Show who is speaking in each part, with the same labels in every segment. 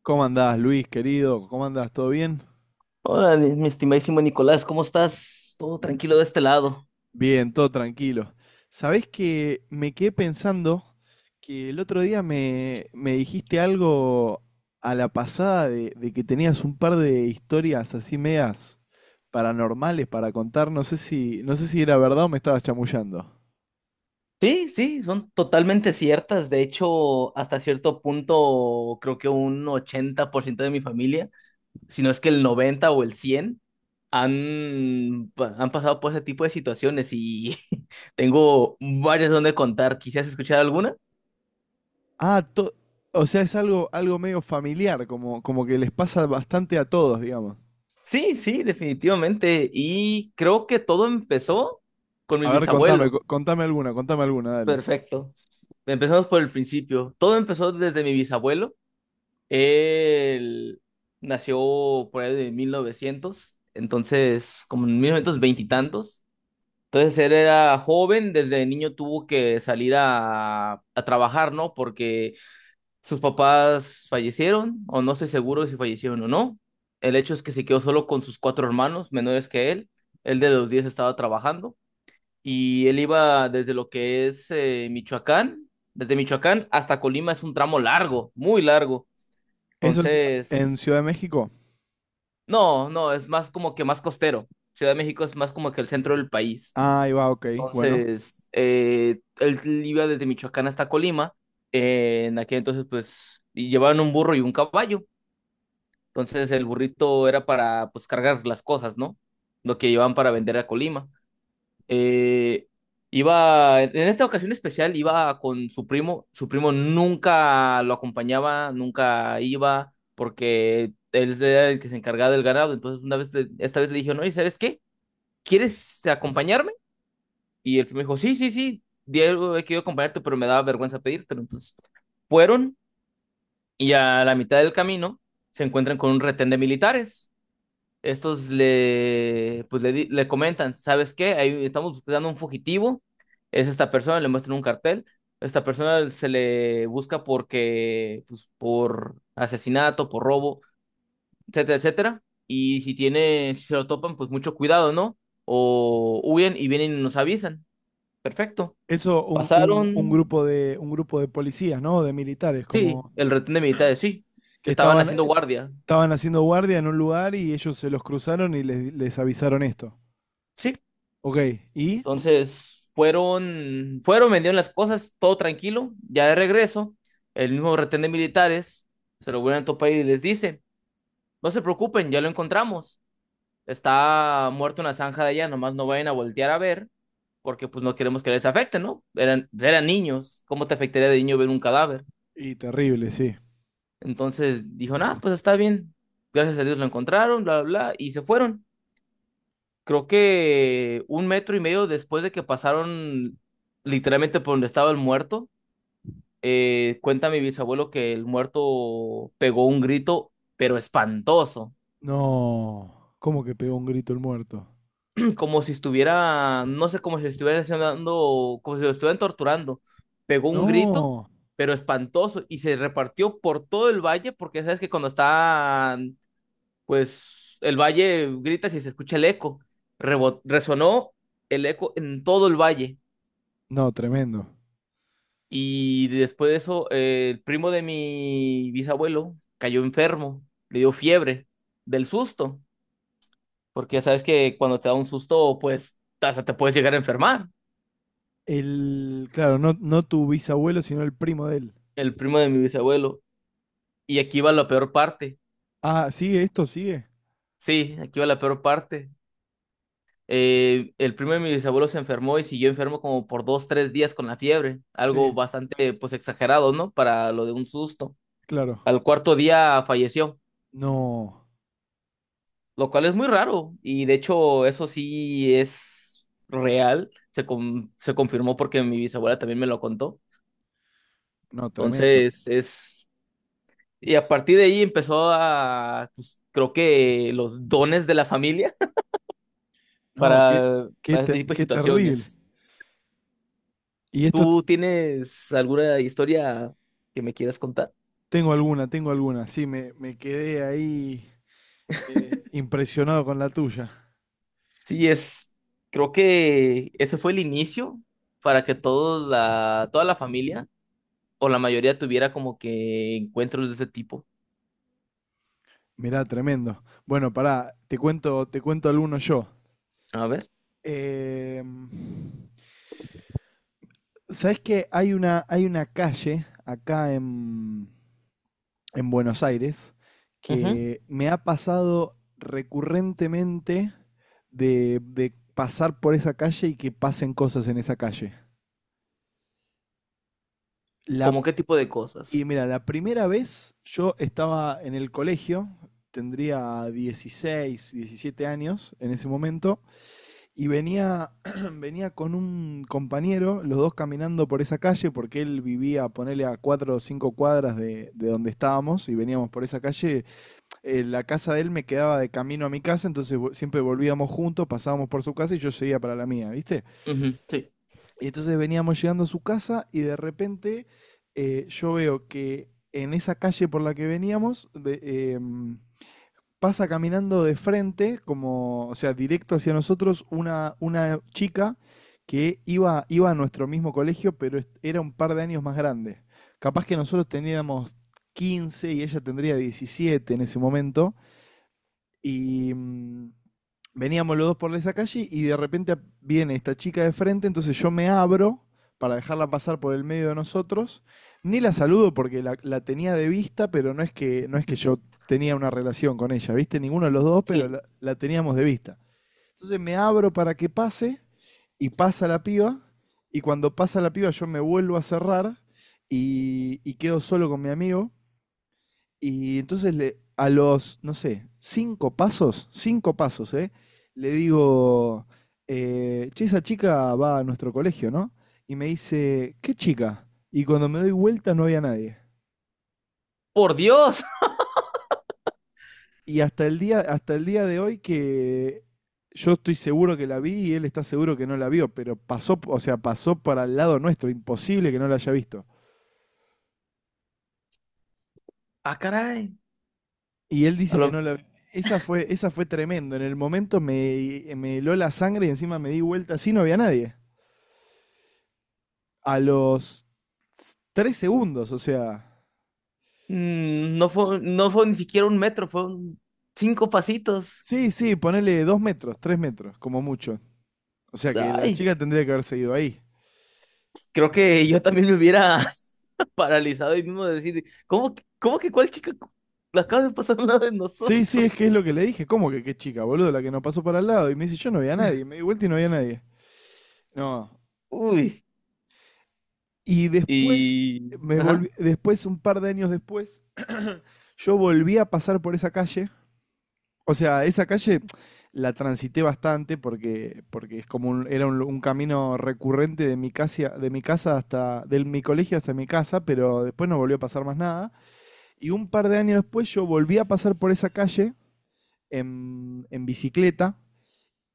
Speaker 1: ¿Cómo andás, Luis, querido? ¿Cómo andás? ¿Todo bien?
Speaker 2: Hola, mi estimadísimo Nicolás, ¿cómo estás? Todo tranquilo de este lado.
Speaker 1: Bien, todo tranquilo. Sabés que me quedé pensando que el otro día me dijiste algo a la pasada de que tenías un par de historias así medias paranormales para contar. No sé si, no sé si era verdad o me estabas chamullando.
Speaker 2: Sí, sí, son totalmente ciertas. De hecho, hasta cierto punto, creo que un 80% de mi familia, si no es que el 90 o el 100 han, han pasado por ese tipo de situaciones y tengo varias donde contar. ¿Quisieras escuchar alguna?
Speaker 1: Ah, to- o sea, es algo, algo medio familiar, como, como que les pasa bastante a todos, digamos.
Speaker 2: Sí, sí, definitivamente. Y creo que todo empezó con mi
Speaker 1: A ver, contame,
Speaker 2: bisabuelo.
Speaker 1: contame alguna, dale.
Speaker 2: Perfecto. Empezamos por el principio. Todo empezó desde mi bisabuelo. Él nació por ahí de 1900, entonces como en 1920 y tantos. Entonces él era joven, desde niño tuvo que salir a trabajar, ¿no? Porque sus papás fallecieron, o no estoy seguro de si fallecieron o no. El hecho es que se quedó solo con sus cuatro hermanos menores que él. Él de los 10 estaba trabajando, y él iba desde lo que es Michoacán, desde Michoacán hasta Colima es un tramo largo, muy largo.
Speaker 1: ¿Eso es en
Speaker 2: Entonces.
Speaker 1: Ciudad de México?
Speaker 2: No, no, es más como que más costero. Ciudad de México es más como que el centro del país.
Speaker 1: Ah, ahí va, ok. Bueno,
Speaker 2: Entonces, él iba desde Michoacán hasta Colima. En aquel entonces, pues, y llevaban un burro y un caballo. Entonces, el burrito era para, pues, cargar las cosas, ¿no? Lo que llevaban para vender a Colima. Eh, iba, en esta ocasión especial iba con su primo. Su primo nunca lo acompañaba, nunca iba, porque él era el que se encargaba del ganado. Entonces, una vez, esta vez le dije, no, ¿y sabes qué? ¿Quieres acompañarme? Y el primo dijo, sí, sí, sí, Diego, he querido acompañarte, pero me daba vergüenza pedírtelo. Entonces, fueron y a la mitad del camino se encuentran con un retén de militares. Estos le, pues le, di- le comentan, ¿sabes qué? Ahí estamos buscando un fugitivo, es esta persona, le muestran un cartel, esta persona se le busca porque, pues, por asesinato, por robo, etcétera, etcétera, y si se lo topan, pues mucho cuidado, ¿no? O huyen y vienen y nos avisan, perfecto.
Speaker 1: eso
Speaker 2: Pasaron,
Speaker 1: un grupo de policías, ¿no? De militares,
Speaker 2: sí,
Speaker 1: como
Speaker 2: el retén de militares, sí,
Speaker 1: que
Speaker 2: estaban
Speaker 1: estaban
Speaker 2: haciendo guardia,
Speaker 1: estaban haciendo guardia en un lugar y ellos se los cruzaron y, les avisaron esto.
Speaker 2: sí.
Speaker 1: Ok, ¿y?
Speaker 2: Entonces, fueron, vendieron las cosas, todo tranquilo. Ya de regreso, el mismo retén de militares se lo vuelven a topar y les dice, no se preocupen, ya lo encontramos. Está muerto en la zanja de allá, nomás no vayan a voltear a ver, porque pues no queremos que les afecte, ¿no? Eran niños, ¿cómo te afectaría de niño ver un cadáver?
Speaker 1: Y terrible, sí.
Speaker 2: Entonces dijo, nah, pues está bien. Gracias a Dios lo encontraron, bla, bla, bla, y se fueron. Creo que un metro y medio después de que pasaron literalmente por donde estaba el muerto. Cuenta mi bisabuelo que el muerto pegó un grito, pero espantoso.
Speaker 1: No, ¿cómo que pegó un grito el muerto?
Speaker 2: Como si estuviera, no sé, como si estuviera haciendo, como si lo estuvieran torturando. Pegó un grito,
Speaker 1: No,
Speaker 2: pero espantoso, y se repartió por todo el valle, porque sabes que cuando está, pues, el valle gritas y se escucha el eco. Resonó el eco en todo el valle.
Speaker 1: no, tremendo.
Speaker 2: Y después de eso, el primo de mi bisabuelo cayó enfermo, le dio fiebre del susto, porque ya sabes que cuando te da un susto, pues hasta te puedes llegar a enfermar.
Speaker 1: El, claro, no, no tu bisabuelo, sino el primo de él.
Speaker 2: El primo de mi bisabuelo. Y aquí va la peor parte.
Speaker 1: Ah, ¿sigue esto? ¿Sigue?
Speaker 2: Sí, aquí va la peor parte. El primo de mi bisabuelo se enfermó y siguió enfermo como por dos, tres días con la fiebre. Algo
Speaker 1: Sí,
Speaker 2: bastante, pues, exagerado, ¿no? Para lo de un susto.
Speaker 1: claro.
Speaker 2: Al cuarto día falleció,
Speaker 1: No,
Speaker 2: lo cual es muy raro. Y de hecho, eso sí es real. Se confirmó porque mi bisabuela también me lo contó.
Speaker 1: no, tremendo.
Speaker 2: Entonces, es. Y a partir de ahí empezó a, pues, creo que los dones de la familia
Speaker 1: No, qué,
Speaker 2: para, para este tipo de
Speaker 1: qué terrible.
Speaker 2: situaciones.
Speaker 1: Y esto
Speaker 2: ¿Tú tienes alguna historia que me quieras contar?
Speaker 1: tengo alguna, tengo alguna. Sí, me quedé ahí impresionado con la tuya.
Speaker 2: Sí, creo que ese fue el inicio para que toda la familia o la mayoría tuviera como que encuentros de ese tipo.
Speaker 1: Mirá, tremendo. Bueno, pará, te cuento alguno yo.
Speaker 2: A ver,
Speaker 1: Eh, ¿Sabés que hay una calle acá en Buenos Aires
Speaker 2: ujú.
Speaker 1: que me ha pasado recurrentemente de pasar por esa calle y que pasen cosas en esa calle? La
Speaker 2: ¿Cómo qué tipo de
Speaker 1: Y
Speaker 2: cosas?
Speaker 1: mira, la primera vez yo estaba en el colegio, tendría 16, 17 años en ese momento, y venía, venía con un compañero, los dos caminando por esa calle, porque él vivía, ponele a 4 o 5 cuadras de donde estábamos, y veníamos por esa calle. La casa de él me quedaba de camino a mi casa, entonces siempre volvíamos juntos, pasábamos por su casa y yo seguía para la mía, ¿viste?
Speaker 2: Ujú, sí.
Speaker 1: Y entonces veníamos llegando a su casa y de repente yo veo que en esa calle por la que veníamos pasa caminando de frente, como, o sea, directo hacia nosotros, una chica que iba, iba a nuestro mismo colegio, pero era un par de años más grande. Capaz que nosotros teníamos 15 y ella tendría 17 en ese momento. Y veníamos los dos por esa calle y de repente viene esta chica de frente, entonces yo me abro para dejarla pasar por el medio de nosotros. Ni la saludo porque la tenía de vista, pero no es que, no es que yo tenía una relación con ella, ¿viste? Ninguno de los dos, pero
Speaker 2: Sí.
Speaker 1: la teníamos de vista. Entonces me abro para que pase y pasa la piba y cuando pasa la piba yo me vuelvo a cerrar y quedo solo con mi amigo y entonces a los, no sé, cinco pasos, ¿eh? Le digo, che, esa chica va a nuestro colegio, ¿no? Y me dice, ¿qué chica? Y cuando me doy vuelta no había nadie.
Speaker 2: ¡Por Dios!
Speaker 1: Y hasta el día de hoy que yo estoy seguro que la vi y él está seguro que no la vio, pero pasó, o sea, pasó para el lado nuestro, imposible que no la haya visto.
Speaker 2: ¡Ah, caray!
Speaker 1: Y él
Speaker 2: A
Speaker 1: dice que
Speaker 2: lo-
Speaker 1: no la. Esa fue tremendo. En el momento me heló la sangre y encima me di vuelta así, no había nadie. A los tres segundos, o sea.
Speaker 2: mm, no fue, no fue ni siquiera un metro, fueron cinco pasitos.
Speaker 1: Sí, sí, ponele dos metros, tres metros, como mucho. O sea que la
Speaker 2: Ay,
Speaker 1: chica tendría que haber seguido ahí.
Speaker 2: creo
Speaker 1: Eh,
Speaker 2: que yo también me hubiera paralizado y mismo de decir, ¿cómo, cómo que cuál chica la acaba de pasar al lado de
Speaker 1: Sí, sí,
Speaker 2: nosotros?
Speaker 1: es que es lo que le dije. ¿Cómo que qué chica, boludo? La que no pasó para el lado. Y me dice, yo no veía a nadie. Me di vuelta y no había nadie. No.
Speaker 2: Uy,
Speaker 1: Y después,
Speaker 2: y.
Speaker 1: me
Speaker 2: Ajá,
Speaker 1: volví, después, un par de años después, yo volví a pasar por esa calle. O sea, esa calle la transité bastante porque, porque es como era un camino recurrente de mi casa hasta, del mi colegio hasta mi casa, pero después no volvió a pasar más nada. Y un par de años después yo volví a pasar por esa calle en bicicleta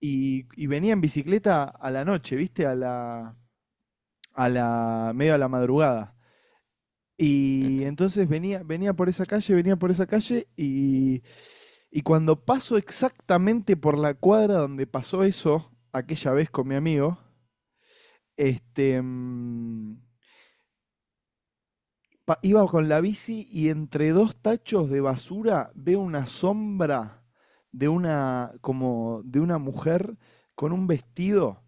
Speaker 1: y venía en bicicleta a la noche, ¿viste? A la, medio a la madrugada. Y entonces venía, venía por esa calle, venía por esa calle y Y cuando paso exactamente por la cuadra donde pasó eso, aquella vez con mi amigo, este, mm, iba con la bici y entre dos tachos de basura veo una sombra de una, como de una mujer con un vestido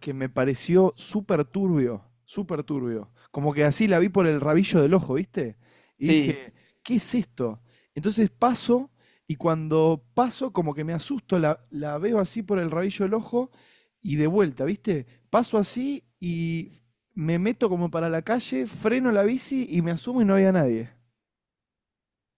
Speaker 1: que me pareció súper turbio, súper turbio. Como que así la vi por el rabillo del ojo, ¿viste? Y
Speaker 2: sí.
Speaker 1: dije, ¿qué es esto? Entonces paso y cuando paso como que me asusto, la veo así por el rabillo del ojo y de vuelta, ¿viste? Paso así y me meto como para la calle, freno la bici y me asumo y no había nadie.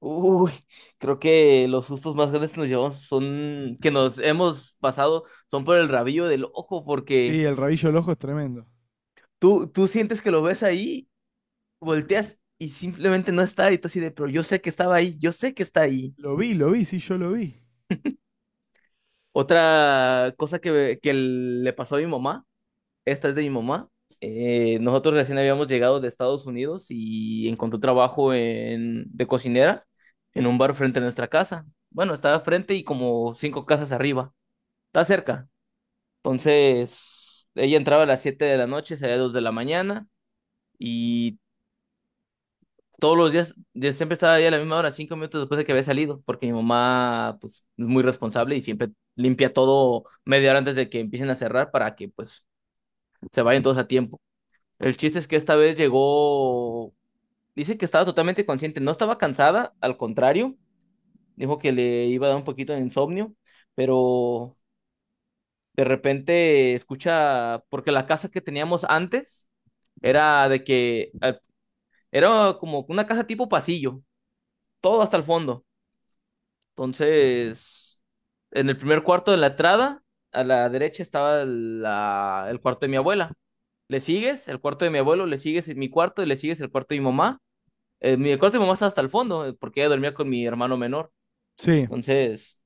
Speaker 2: Uy, creo que los sustos más grandes que nos llevamos son, que nos hemos pasado, son por el rabillo del ojo,
Speaker 1: Sí,
Speaker 2: porque
Speaker 1: el rabillo del ojo es tremendo.
Speaker 2: tú sientes que lo ves ahí, volteas y simplemente no está, y tú así de, pero yo sé que estaba ahí, yo sé que está ahí.
Speaker 1: Lo vi, sí, yo lo vi.
Speaker 2: Otra cosa que le pasó a mi mamá, esta es de mi mamá. Nosotros recién habíamos llegado de Estados Unidos y encontró trabajo de cocinera en un bar frente a nuestra casa. Bueno, estaba frente y como cinco casas arriba, está cerca. Entonces, ella entraba a las 7 de la noche, salía a 2 de la mañana, y todos los días, yo siempre estaba ahí a la misma hora, 5 minutos después de que había salido, porque mi mamá, pues, es muy responsable y siempre limpia todo media hora antes de que empiecen a cerrar para que, pues, se vayan todos a tiempo. El chiste es que esta vez llegó, dice que estaba totalmente consciente, no estaba cansada, al contrario, dijo que le iba a dar un poquito de insomnio, pero de repente escucha, porque la casa que teníamos antes era de que era como una casa tipo pasillo, todo hasta el fondo. Entonces, en el primer cuarto de la entrada, a la derecha estaba el cuarto de mi abuela. Le sigues el cuarto de mi abuelo, le sigues mi cuarto y le sigues el cuarto de mi mamá. El cuarto de mi mamá está hasta el fondo, porque ella dormía con mi hermano menor.
Speaker 1: Sí.
Speaker 2: Entonces,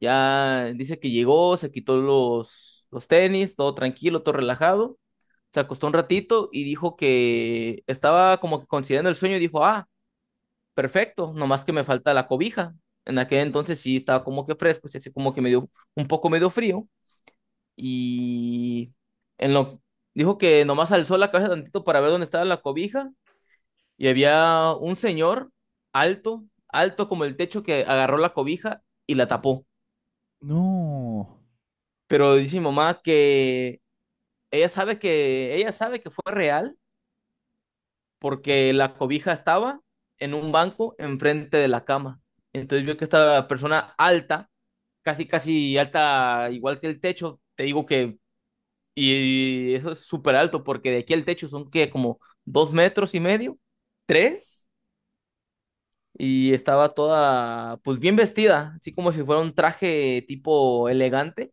Speaker 2: ya dice que llegó, se quitó los tenis, todo tranquilo, todo relajado. Se acostó un ratito y dijo que estaba como que considerando el sueño y dijo, ah, perfecto, nomás que me falta la cobija. En aquel entonces sí estaba como que fresco, sí, así como que me dio un poco medio frío, y en lo dijo que nomás alzó la cabeza tantito para ver dónde estaba la cobija y había un señor alto, alto como el techo que agarró la cobija y la tapó.
Speaker 1: No,
Speaker 2: Pero dice mi mamá que ella sabe que ella sabe que fue real porque la cobija estaba en un banco enfrente de la cama. Entonces vio que esta persona alta, casi, casi alta, igual que el techo, te digo que, y eso es súper alto, porque de aquí al techo son que como dos metros y medio, tres, y estaba toda, pues bien vestida, así como si fuera un traje tipo elegante.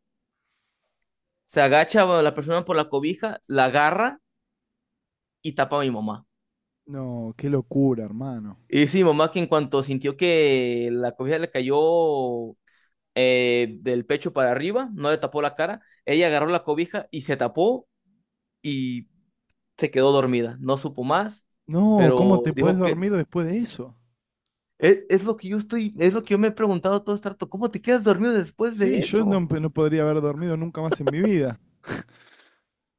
Speaker 2: Se agacha bueno, la persona por la cobija, la agarra y tapa a mi mamá.
Speaker 1: no, qué locura, hermano.
Speaker 2: Y dice mi mamá que en cuanto sintió que la cobija le cayó del pecho para arriba, no le tapó la cara. Ella agarró la cobija y se tapó y se quedó dormida. No supo más,
Speaker 1: No, ¿cómo
Speaker 2: pero
Speaker 1: te podés
Speaker 2: dijo que
Speaker 1: dormir después de eso?
Speaker 2: es lo que yo estoy, es lo que yo me he preguntado todo este rato, ¿cómo te quedas dormido después de
Speaker 1: Sí, yo no,
Speaker 2: eso?
Speaker 1: no podría haber dormido nunca más en mi vida.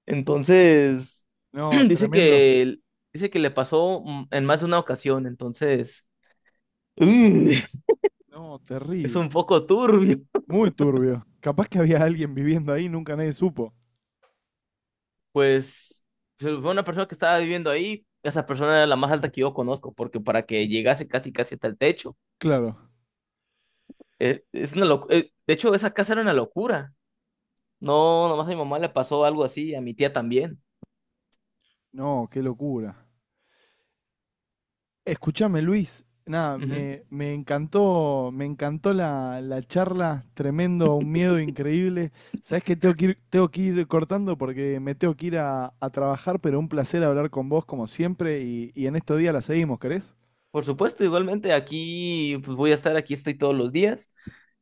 Speaker 2: Entonces,
Speaker 1: No,
Speaker 2: dice
Speaker 1: tremendo.
Speaker 2: que dice que le pasó en más de una ocasión, entonces mm,
Speaker 1: No,
Speaker 2: es
Speaker 1: terrible.
Speaker 2: un poco turbio.
Speaker 1: Muy turbio. Capaz que había alguien viviendo ahí, nunca nadie supo.
Speaker 2: Pues fue una persona que estaba viviendo ahí, esa persona era la más alta que yo conozco, porque para que llegase casi casi hasta el techo.
Speaker 1: Claro.
Speaker 2: Es una de hecho, esa casa era una locura. No, nomás a mi mamá le pasó algo así, a mi tía también.
Speaker 1: No, qué locura. Escúchame, Luis. Nada,
Speaker 2: Ujú.
Speaker 1: me, me encantó la charla, tremendo, un miedo increíble. Sabés que tengo que ir cortando porque me tengo que ir a trabajar, pero un placer hablar con vos como siempre y en estos días la seguimos, ¿querés?
Speaker 2: Por supuesto, igualmente aquí, pues voy a estar aquí, estoy todos los días.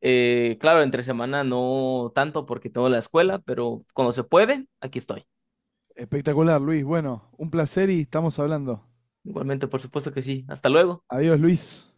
Speaker 2: Claro, entre semana no tanto porque tengo la escuela, pero cuando se puede, aquí estoy.
Speaker 1: Espectacular, Luis. Bueno, un placer y estamos hablando.
Speaker 2: Igualmente, por supuesto que sí. Hasta luego.
Speaker 1: Adiós, Luis.